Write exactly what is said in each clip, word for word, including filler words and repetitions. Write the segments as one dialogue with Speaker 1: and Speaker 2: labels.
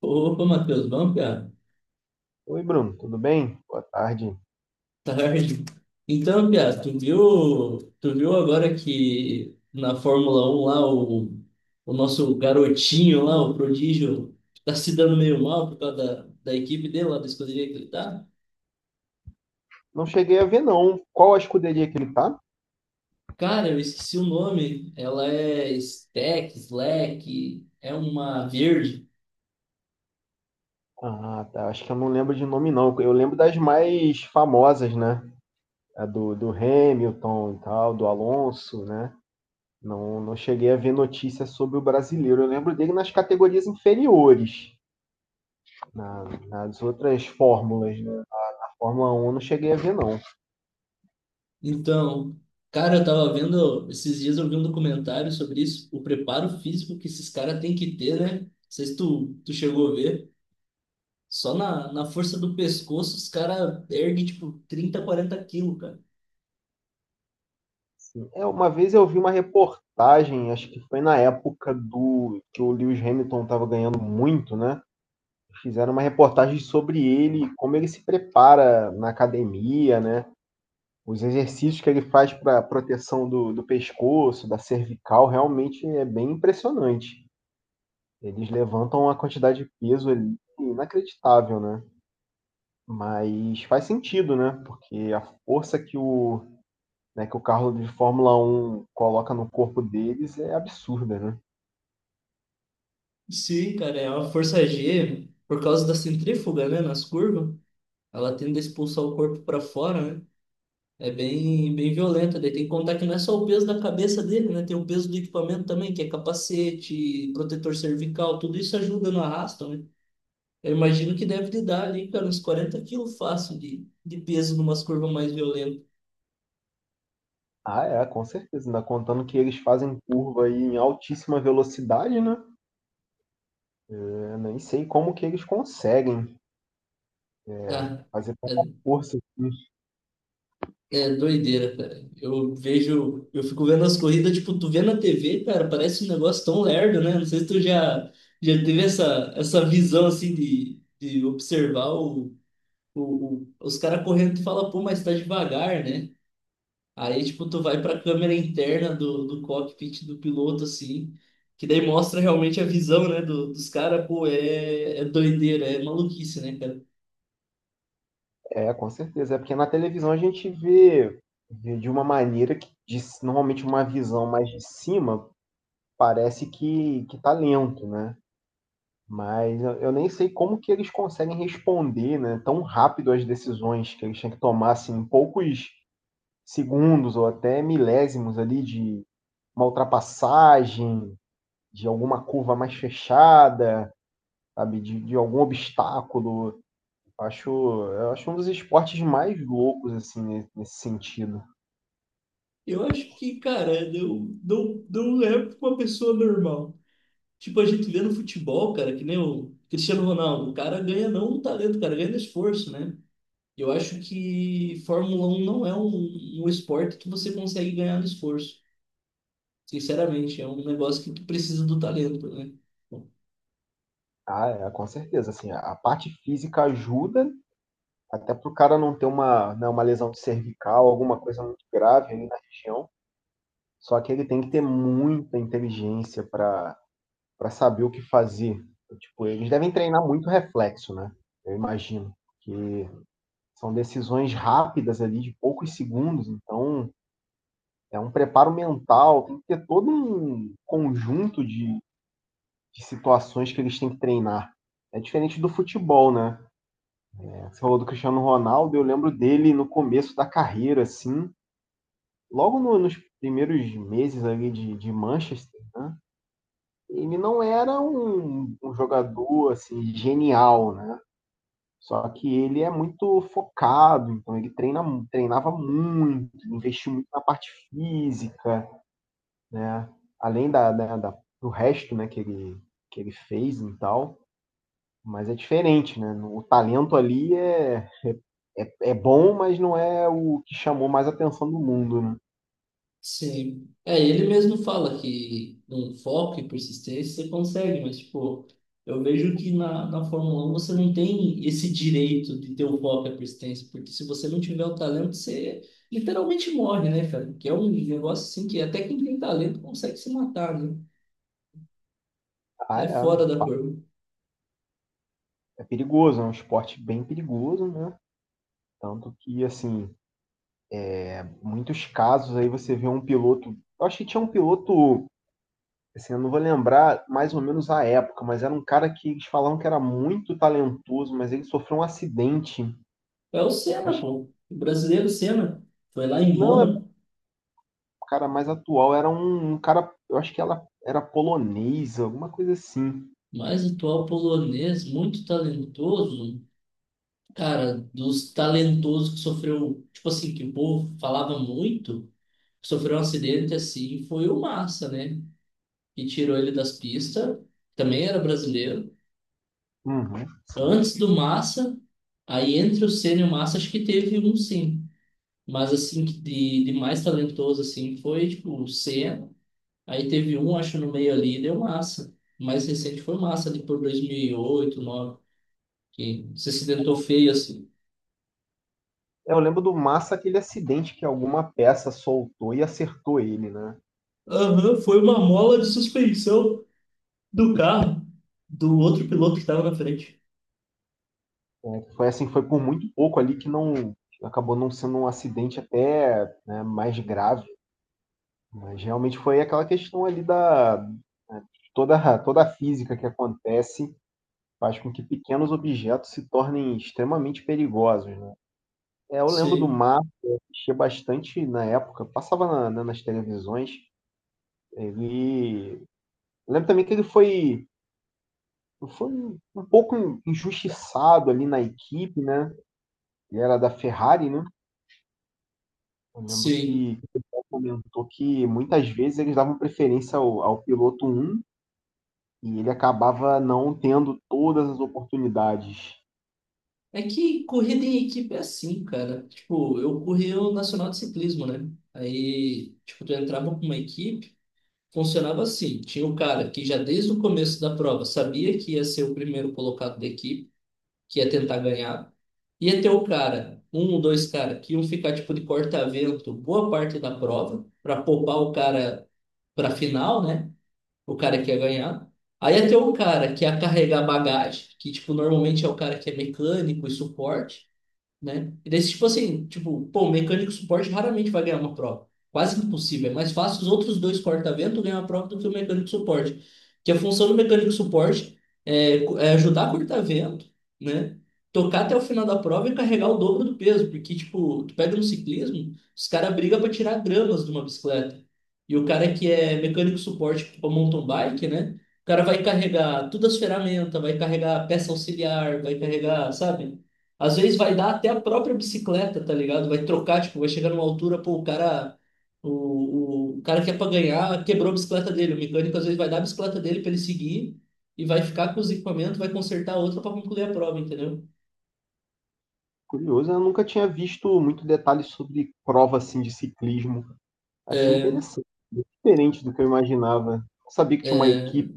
Speaker 1: Opa, Matheus, bom, piá?
Speaker 2: Oi, Bruno, tudo bem? Boa tarde.
Speaker 1: Tarde. Então, piá, tu viu, tu viu agora que na Fórmula Um lá, o, o nosso garotinho lá, o prodígio, tá se dando meio mal por causa da, da equipe dele, lá da escuderia que ele tá?
Speaker 2: Não cheguei a ver, não. Qual a escuderia que ele tá?
Speaker 1: Cara, eu esqueci o nome. Ela é Stack, Slack, é uma verde.
Speaker 2: Ah, tá. Acho que eu não lembro de nome, não. Eu lembro das mais famosas, né? A do, do Hamilton e tal, do Alonso, né? Não, não cheguei a ver notícias sobre o brasileiro. Eu lembro dele nas categorias inferiores, na- nas outras fórmulas, né? A Fórmula um eu não cheguei a ver, não.
Speaker 1: Então, cara, eu tava vendo, esses dias eu vi um documentário sobre isso, o preparo físico que esses caras têm que ter, né? Não sei se tu, tu chegou a ver. Só na, na força do pescoço, os caras erguem, tipo, trinta quarenta quilos, cara.
Speaker 2: Sim. É, uma vez eu vi uma reportagem, acho que foi na época do que o Lewis Hamilton estava ganhando muito, né? Fizeram uma reportagem sobre ele, como ele se prepara na academia, né? Os exercícios que ele faz para proteção do, do pescoço, da cervical, realmente é bem impressionante. Eles levantam uma quantidade de peso ali inacreditável, né? Mas faz sentido, né? Porque a força que o, né, que o carro de Fórmula Um coloca no corpo deles é absurda, né?
Speaker 1: Sim, cara, é uma força G, por causa da centrífuga, né, nas curvas, ela tende a expulsar o corpo para fora, né? É bem, bem violenta. Daí tem que contar que não é só o peso da cabeça dele, né? Tem o peso do equipamento também, que é capacete, protetor cervical, tudo isso ajuda no arrasto, né? Eu imagino que deve lhe dar ali, cara, uns quarenta quilos fácil de, de peso numas curvas mais violentas.
Speaker 2: Ah, é, com certeza. Ainda contando que eles fazem curva aí em altíssima velocidade, né? Eu nem sei como que eles conseguem é,
Speaker 1: Ah,
Speaker 2: fazer tanta
Speaker 1: é.
Speaker 2: força.
Speaker 1: É doideira, cara. Eu vejo, eu fico vendo as corridas, tipo, tu vê na T V, cara, parece um negócio tão lerdo, né? Não sei se tu já, já teve essa, essa visão, assim, de, de observar o, o, o- os caras correndo, tu fala, pô, mas tá devagar, né? Aí, tipo, tu vai pra câmera interna do, do cockpit do piloto, assim, que daí mostra realmente a visão, né, do, dos caras, pô, é, é doideira, é maluquice, né, cara?
Speaker 2: É, com certeza. É porque na televisão a gente vê, vê de uma maneira que, de, normalmente, uma visão mais de cima parece que, que tá lento, né? Mas eu, eu nem sei como que eles conseguem responder, né, tão rápido às decisões que eles têm que tomar, assim, em poucos segundos ou até milésimos ali de uma ultrapassagem, de alguma curva mais fechada, sabe, de, de algum obstáculo. Acho Eu acho um dos esportes mais loucos, assim, ne nesse sentido.
Speaker 1: Eu acho que, cara, não, não, não é pra uma pessoa normal. Tipo, a gente vê no futebol, cara, que nem o Cristiano Ronaldo, o cara ganha não o talento, o cara ganha no esforço, né? Eu acho que Fórmula um não é um, um esporte que você consegue ganhar no esforço. Sinceramente, é um negócio que tu precisa do talento, né?
Speaker 2: Ah, é, com certeza, assim, a a parte física ajuda, até pro cara não ter uma, né, uma lesão cervical, alguma coisa muito grave ali na região, só que ele tem que ter muita inteligência para para saber o que fazer. Tipo, eles devem treinar muito reflexo, né, eu imagino, que são decisões rápidas ali de poucos segundos, então é um preparo mental, tem que ter todo um conjunto de de situações que eles têm que treinar. É diferente do futebol, né? Você falou do Cristiano Ronaldo, eu lembro dele no começo da carreira, assim, logo no, nos primeiros meses ali de, de Manchester, né? Ele não era um, um jogador, assim, genial, né? Só que ele é muito focado, então ele treina, treinava muito, investiu muito na parte física, né? Além da, da, da do resto, né, que ele, que ele fez e tal. Mas é diferente, né, o talento ali é é é bom, mas não é o que chamou mais atenção do mundo, né.
Speaker 1: Sim. É, ele mesmo fala que um foco e persistência você consegue, mas, tipo, eu vejo que na, na Fórmula um você não tem esse direito de ter o foco e a persistência, porque se você não tiver o talento, você literalmente morre, né, cara? Que é um negócio assim que até quem tem talento consegue se matar, né?
Speaker 2: Ah,
Speaker 1: É fora da
Speaker 2: é,
Speaker 1: curva.
Speaker 2: é perigoso, é um esporte bem perigoso, né, tanto que, assim, muitos casos aí você vê um piloto eu acho que tinha um piloto, assim, eu não vou lembrar mais ou menos a época, mas era um cara que eles falavam que era muito talentoso, mas ele sofreu um acidente, eu
Speaker 1: É o Senna,
Speaker 2: acho que
Speaker 1: pô. O brasileiro Senna foi lá em
Speaker 2: não, é
Speaker 1: Mônaco.
Speaker 2: um cara mais atual, era um um cara, eu acho que ela era polonesa, alguma coisa assim.
Speaker 1: Mas o atual polonês, muito talentoso, cara, dos talentosos que sofreu, tipo assim, que o povo falava muito, que sofreu um acidente assim, foi o Massa, né? Que tirou ele das pistas, também era brasileiro.
Speaker 2: Uhum, sim.
Speaker 1: Antes do Massa, aí entre o Senna e o Massa, acho que teve um sim. Mas assim, que de, de mais talentoso assim, foi tipo o Senna, aí teve um, acho, no meio ali, e deu Massa. O mais recente foi o Massa, ali por dois mil e oito, nove, que se acidentou feio assim.
Speaker 2: É, eu lembro do Massa, aquele acidente que alguma peça soltou e acertou ele, né?
Speaker 1: Aham, foi uma mola de suspensão do carro do outro piloto que estava na frente.
Speaker 2: Foi assim, foi por muito pouco ali que não acabou não sendo um acidente até né, mais grave. Mas realmente foi aquela questão ali da né, toda, toda a física que acontece faz com que pequenos objetos se tornem extremamente perigosos, né? É, eu lembro do
Speaker 1: Sim,
Speaker 2: Massa, eu assistia bastante na época, passava na- na- nas televisões, ele... Eu lembro também que ele foi foi um um pouco injustiçado ali na equipe, né? Ele era da Ferrari, né? Eu lembro
Speaker 1: sim.
Speaker 2: que o pessoal comentou que muitas vezes eles davam preferência ao, ao piloto um e ele acabava não tendo todas as oportunidades.
Speaker 1: É que corrida em equipe é assim, cara. Tipo, eu corri o Nacional de Ciclismo, né? Aí, tipo, tu entrava com uma equipe, funcionava assim. Tinha o cara que já desde o começo da prova sabia que ia ser o primeiro colocado da equipe, que ia tentar ganhar. Ia ter o cara, um ou dois cara, que iam ficar tipo de corta-vento boa parte da prova, para poupar o cara para final, né? O cara que ia ganhar. Aí ia ter o cara que ia carregar bagagem, que tipo normalmente é o cara que é mecânico e suporte, né? E daí, tipo assim, tipo, pô, o mecânico suporte raramente vai ganhar uma prova. Quase impossível. É mais fácil os outros dois corta-vento ganhar a prova do que o mecânico suporte. Que a função do mecânico suporte é, co- é ajudar a corta-vento, né? Tocar até o final da prova e carregar o dobro do peso. Porque, tipo, tu pega no ciclismo, os caras brigam para tirar gramas de uma bicicleta. E o cara que é mecânico suporte para mountain bike, né? O cara vai carregar todas as ferramentas, vai carregar peça auxiliar, vai carregar, sabe? Às vezes vai dar até a própria bicicleta, tá ligado? Vai trocar, tipo, vai chegar numa altura, pô, o cara. O, o, o cara que é pra ganhar quebrou a bicicleta dele. O mecânico às vezes vai dar a bicicleta dele pra ele seguir e vai ficar com os equipamentos, vai consertar a outra pra concluir a prova, entendeu?
Speaker 2: Curioso, eu nunca tinha visto muito detalhe sobre prova assim de ciclismo. Achei interessante, diferente do que eu imaginava. Não sabia que tinha uma
Speaker 1: É,
Speaker 2: equipe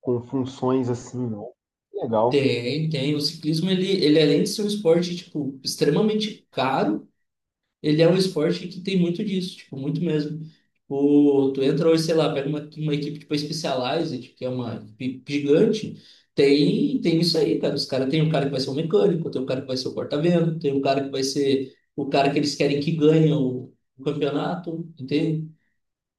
Speaker 2: com funções assim, não. Legal.
Speaker 1: tem, tem. O ciclismo, ele, ele além de ser um esporte, tipo, extremamente caro, ele é um esporte que tem muito disso, tipo, muito mesmo. Tipo, tu entra hoje, sei lá, pega uma, uma equipe tipo a Specialized, que é uma equipe gigante, tem, tem isso aí, cara. Os caras tem um cara que vai ser o mecânico, tem um cara que vai ser o porta-vento, tem um cara que vai ser o cara que eles querem que ganhe o, o campeonato, entende?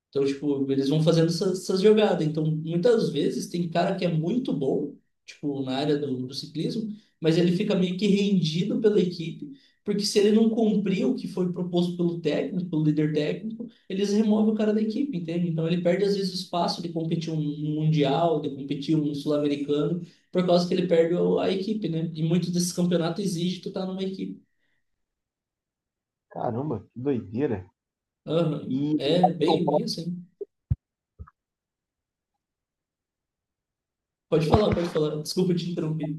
Speaker 1: Então, tipo, eles vão fazendo essas, essas jogadas. Então, muitas vezes tem cara que é muito bom, tipo, na área do, do ciclismo, mas ele fica meio que rendido pela equipe, porque se ele não cumprir o que foi proposto pelo técnico, pelo líder técnico, eles removem o cara da equipe, entende? Então, ele perde, às vezes, o espaço de competir um um mundial, de competir um sul-americano, por causa que ele perde o- a equipe, né? E muitos desses campeonatos exigem tu estar numa equipe.
Speaker 2: Caramba, que doideira.
Speaker 1: Aham.
Speaker 2: E
Speaker 1: É bem isso, hein? Pode falar, pode falar. Desculpa te interromper.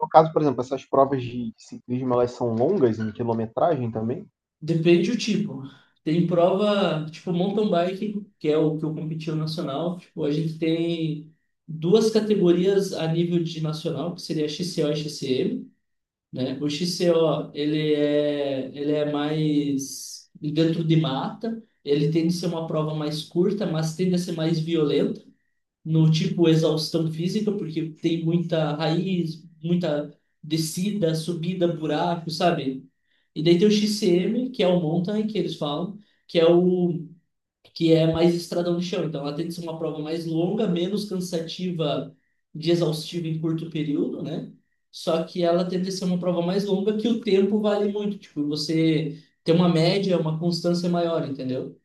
Speaker 2: No caso, por exemplo, essas provas de ciclismo, elas são longas em quilometragem também?
Speaker 1: Depende do tipo. Tem prova, tipo mountain bike, que é o que eu competi no nacional. Tipo, a gente tem duas categorias a nível de nacional, que seria X C O e X C M, né? O X C O, ele é, ele é mais dentro de mata, ele tende a ser uma prova mais curta, mas tende a ser mais violenta no tipo exaustão física, porque tem muita raiz, muita descida, subida, buraco, sabe? E daí tem o X C M, que é o mountain que eles falam, que é o que é mais estradão de chão. Então ela tem que ser uma prova mais longa, menos cansativa de exaustiva em curto período, né? Só que ela tende a ser uma prova mais longa que o tempo vale muito, tipo, você tem uma média, uma constância maior, entendeu?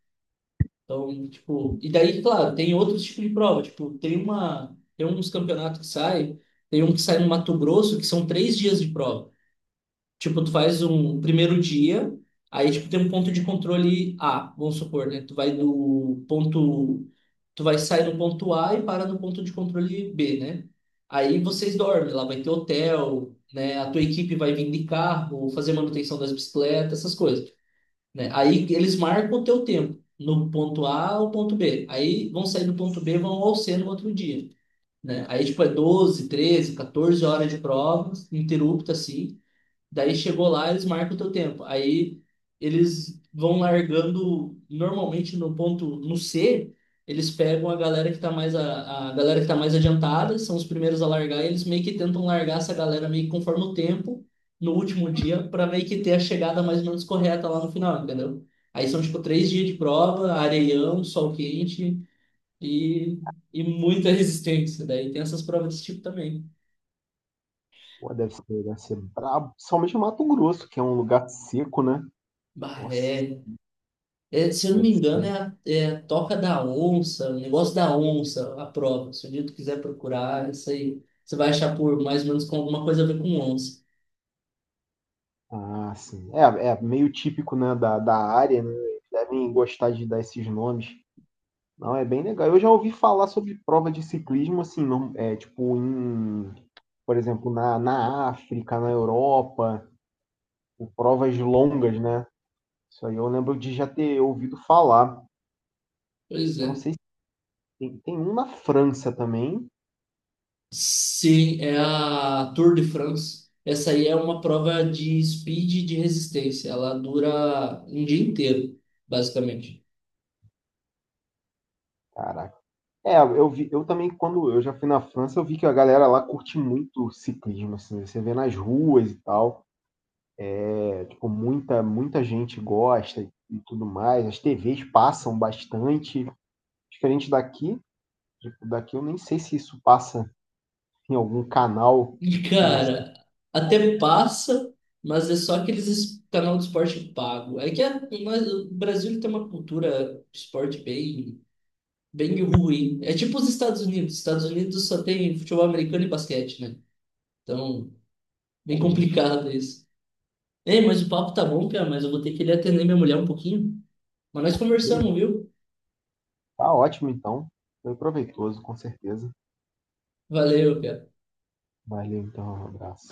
Speaker 1: Então, tipo, e daí, claro, tem outros tipos de prova, tipo, tem uma, tem uns campeonatos que saem, tem um que sai no Mato Grosso, que são três dias de prova. Tipo, tu faz um primeiro dia, aí, tipo, tem um ponto de controle A, vamos supor, né? Tu vai do ponto, tu vai sair no ponto A e para no ponto de controle B, né? Aí vocês dormem, lá vai ter hotel, né? A tua equipe vai vir de carro, fazer manutenção das bicicletas, essas coisas, né? Aí eles marcam o teu tempo, no ponto A ao ponto B. Aí vão sair do ponto B, vão ao C no outro dia, né? Aí, tipo, é doze, treze, quatorze horas de provas, ininterrupta, assim. Daí chegou lá, eles marcam o teu tempo. Aí eles vão largando normalmente no ponto no C, eles pegam a galera que tá mais a, a galera que tá mais adiantada, são os primeiros a largar, e eles meio que tentam largar essa galera meio que conforme o tempo no último dia para meio que ter a chegada mais ou menos correta lá no final, entendeu? Aí são tipo três dias de prova, areião, sol quente e, e muita resistência. Daí tem essas provas desse tipo também.
Speaker 2: Pô, deve ser, deve ser brabo. Principalmente Mato Grosso, que é um lugar seco, né?
Speaker 1: Bah,
Speaker 2: Nossa,
Speaker 1: é, É, se eu não me
Speaker 2: deve ser.
Speaker 1: engano, é a, é a Toca da Onça, o negócio da onça, a prova. Se o dia tu quiser procurar, isso aí você vai achar por mais ou menos com alguma coisa a ver com onça.
Speaker 2: Ah, sim. É, é meio típico, né, da, da área, né? Eles devem gostar de dar esses nomes. Não, é bem legal. Eu já ouvi falar sobre prova de ciclismo, assim, não, é, tipo, em, por exemplo, na, na África, na Europa, com provas longas, né? Isso aí eu lembro de já ter ouvido falar.
Speaker 1: Pois
Speaker 2: Eu não
Speaker 1: é.
Speaker 2: sei. Tem, tem um na França também.
Speaker 1: Sim, é a Tour de France. Essa aí é uma prova de speed e de resistência. Ela dura um dia inteiro, basicamente.
Speaker 2: Caraca. É, eu vi, eu também, quando eu já fui na França, eu vi que a galera lá curte muito ciclismo, assim, você vê nas ruas e tal. É, tipo, muita, muita gente gosta e, e tudo mais. As T Vs passam bastante, diferente daqui. Tipo, daqui eu nem sei se isso passa em algum canal
Speaker 1: E,
Speaker 2: que não sei
Speaker 1: cara, até passa, mas é só aqueles es- canal de esporte pago. É que a- mas o Brasil tem uma cultura de esporte bem bem ruim. É tipo os Estados Unidos. Estados Unidos só tem futebol americano e basquete, né? Então, bem
Speaker 2: realmente.
Speaker 1: complicado isso. Ei, mas o papo tá bom, Pia, mas eu vou ter que ir atender minha mulher um pouquinho. Mas nós conversamos,
Speaker 2: Beleza,
Speaker 1: viu?
Speaker 2: tá ótimo então. Foi proveitoso, com certeza.
Speaker 1: Valeu, Pia.
Speaker 2: Valeu então, um abraço.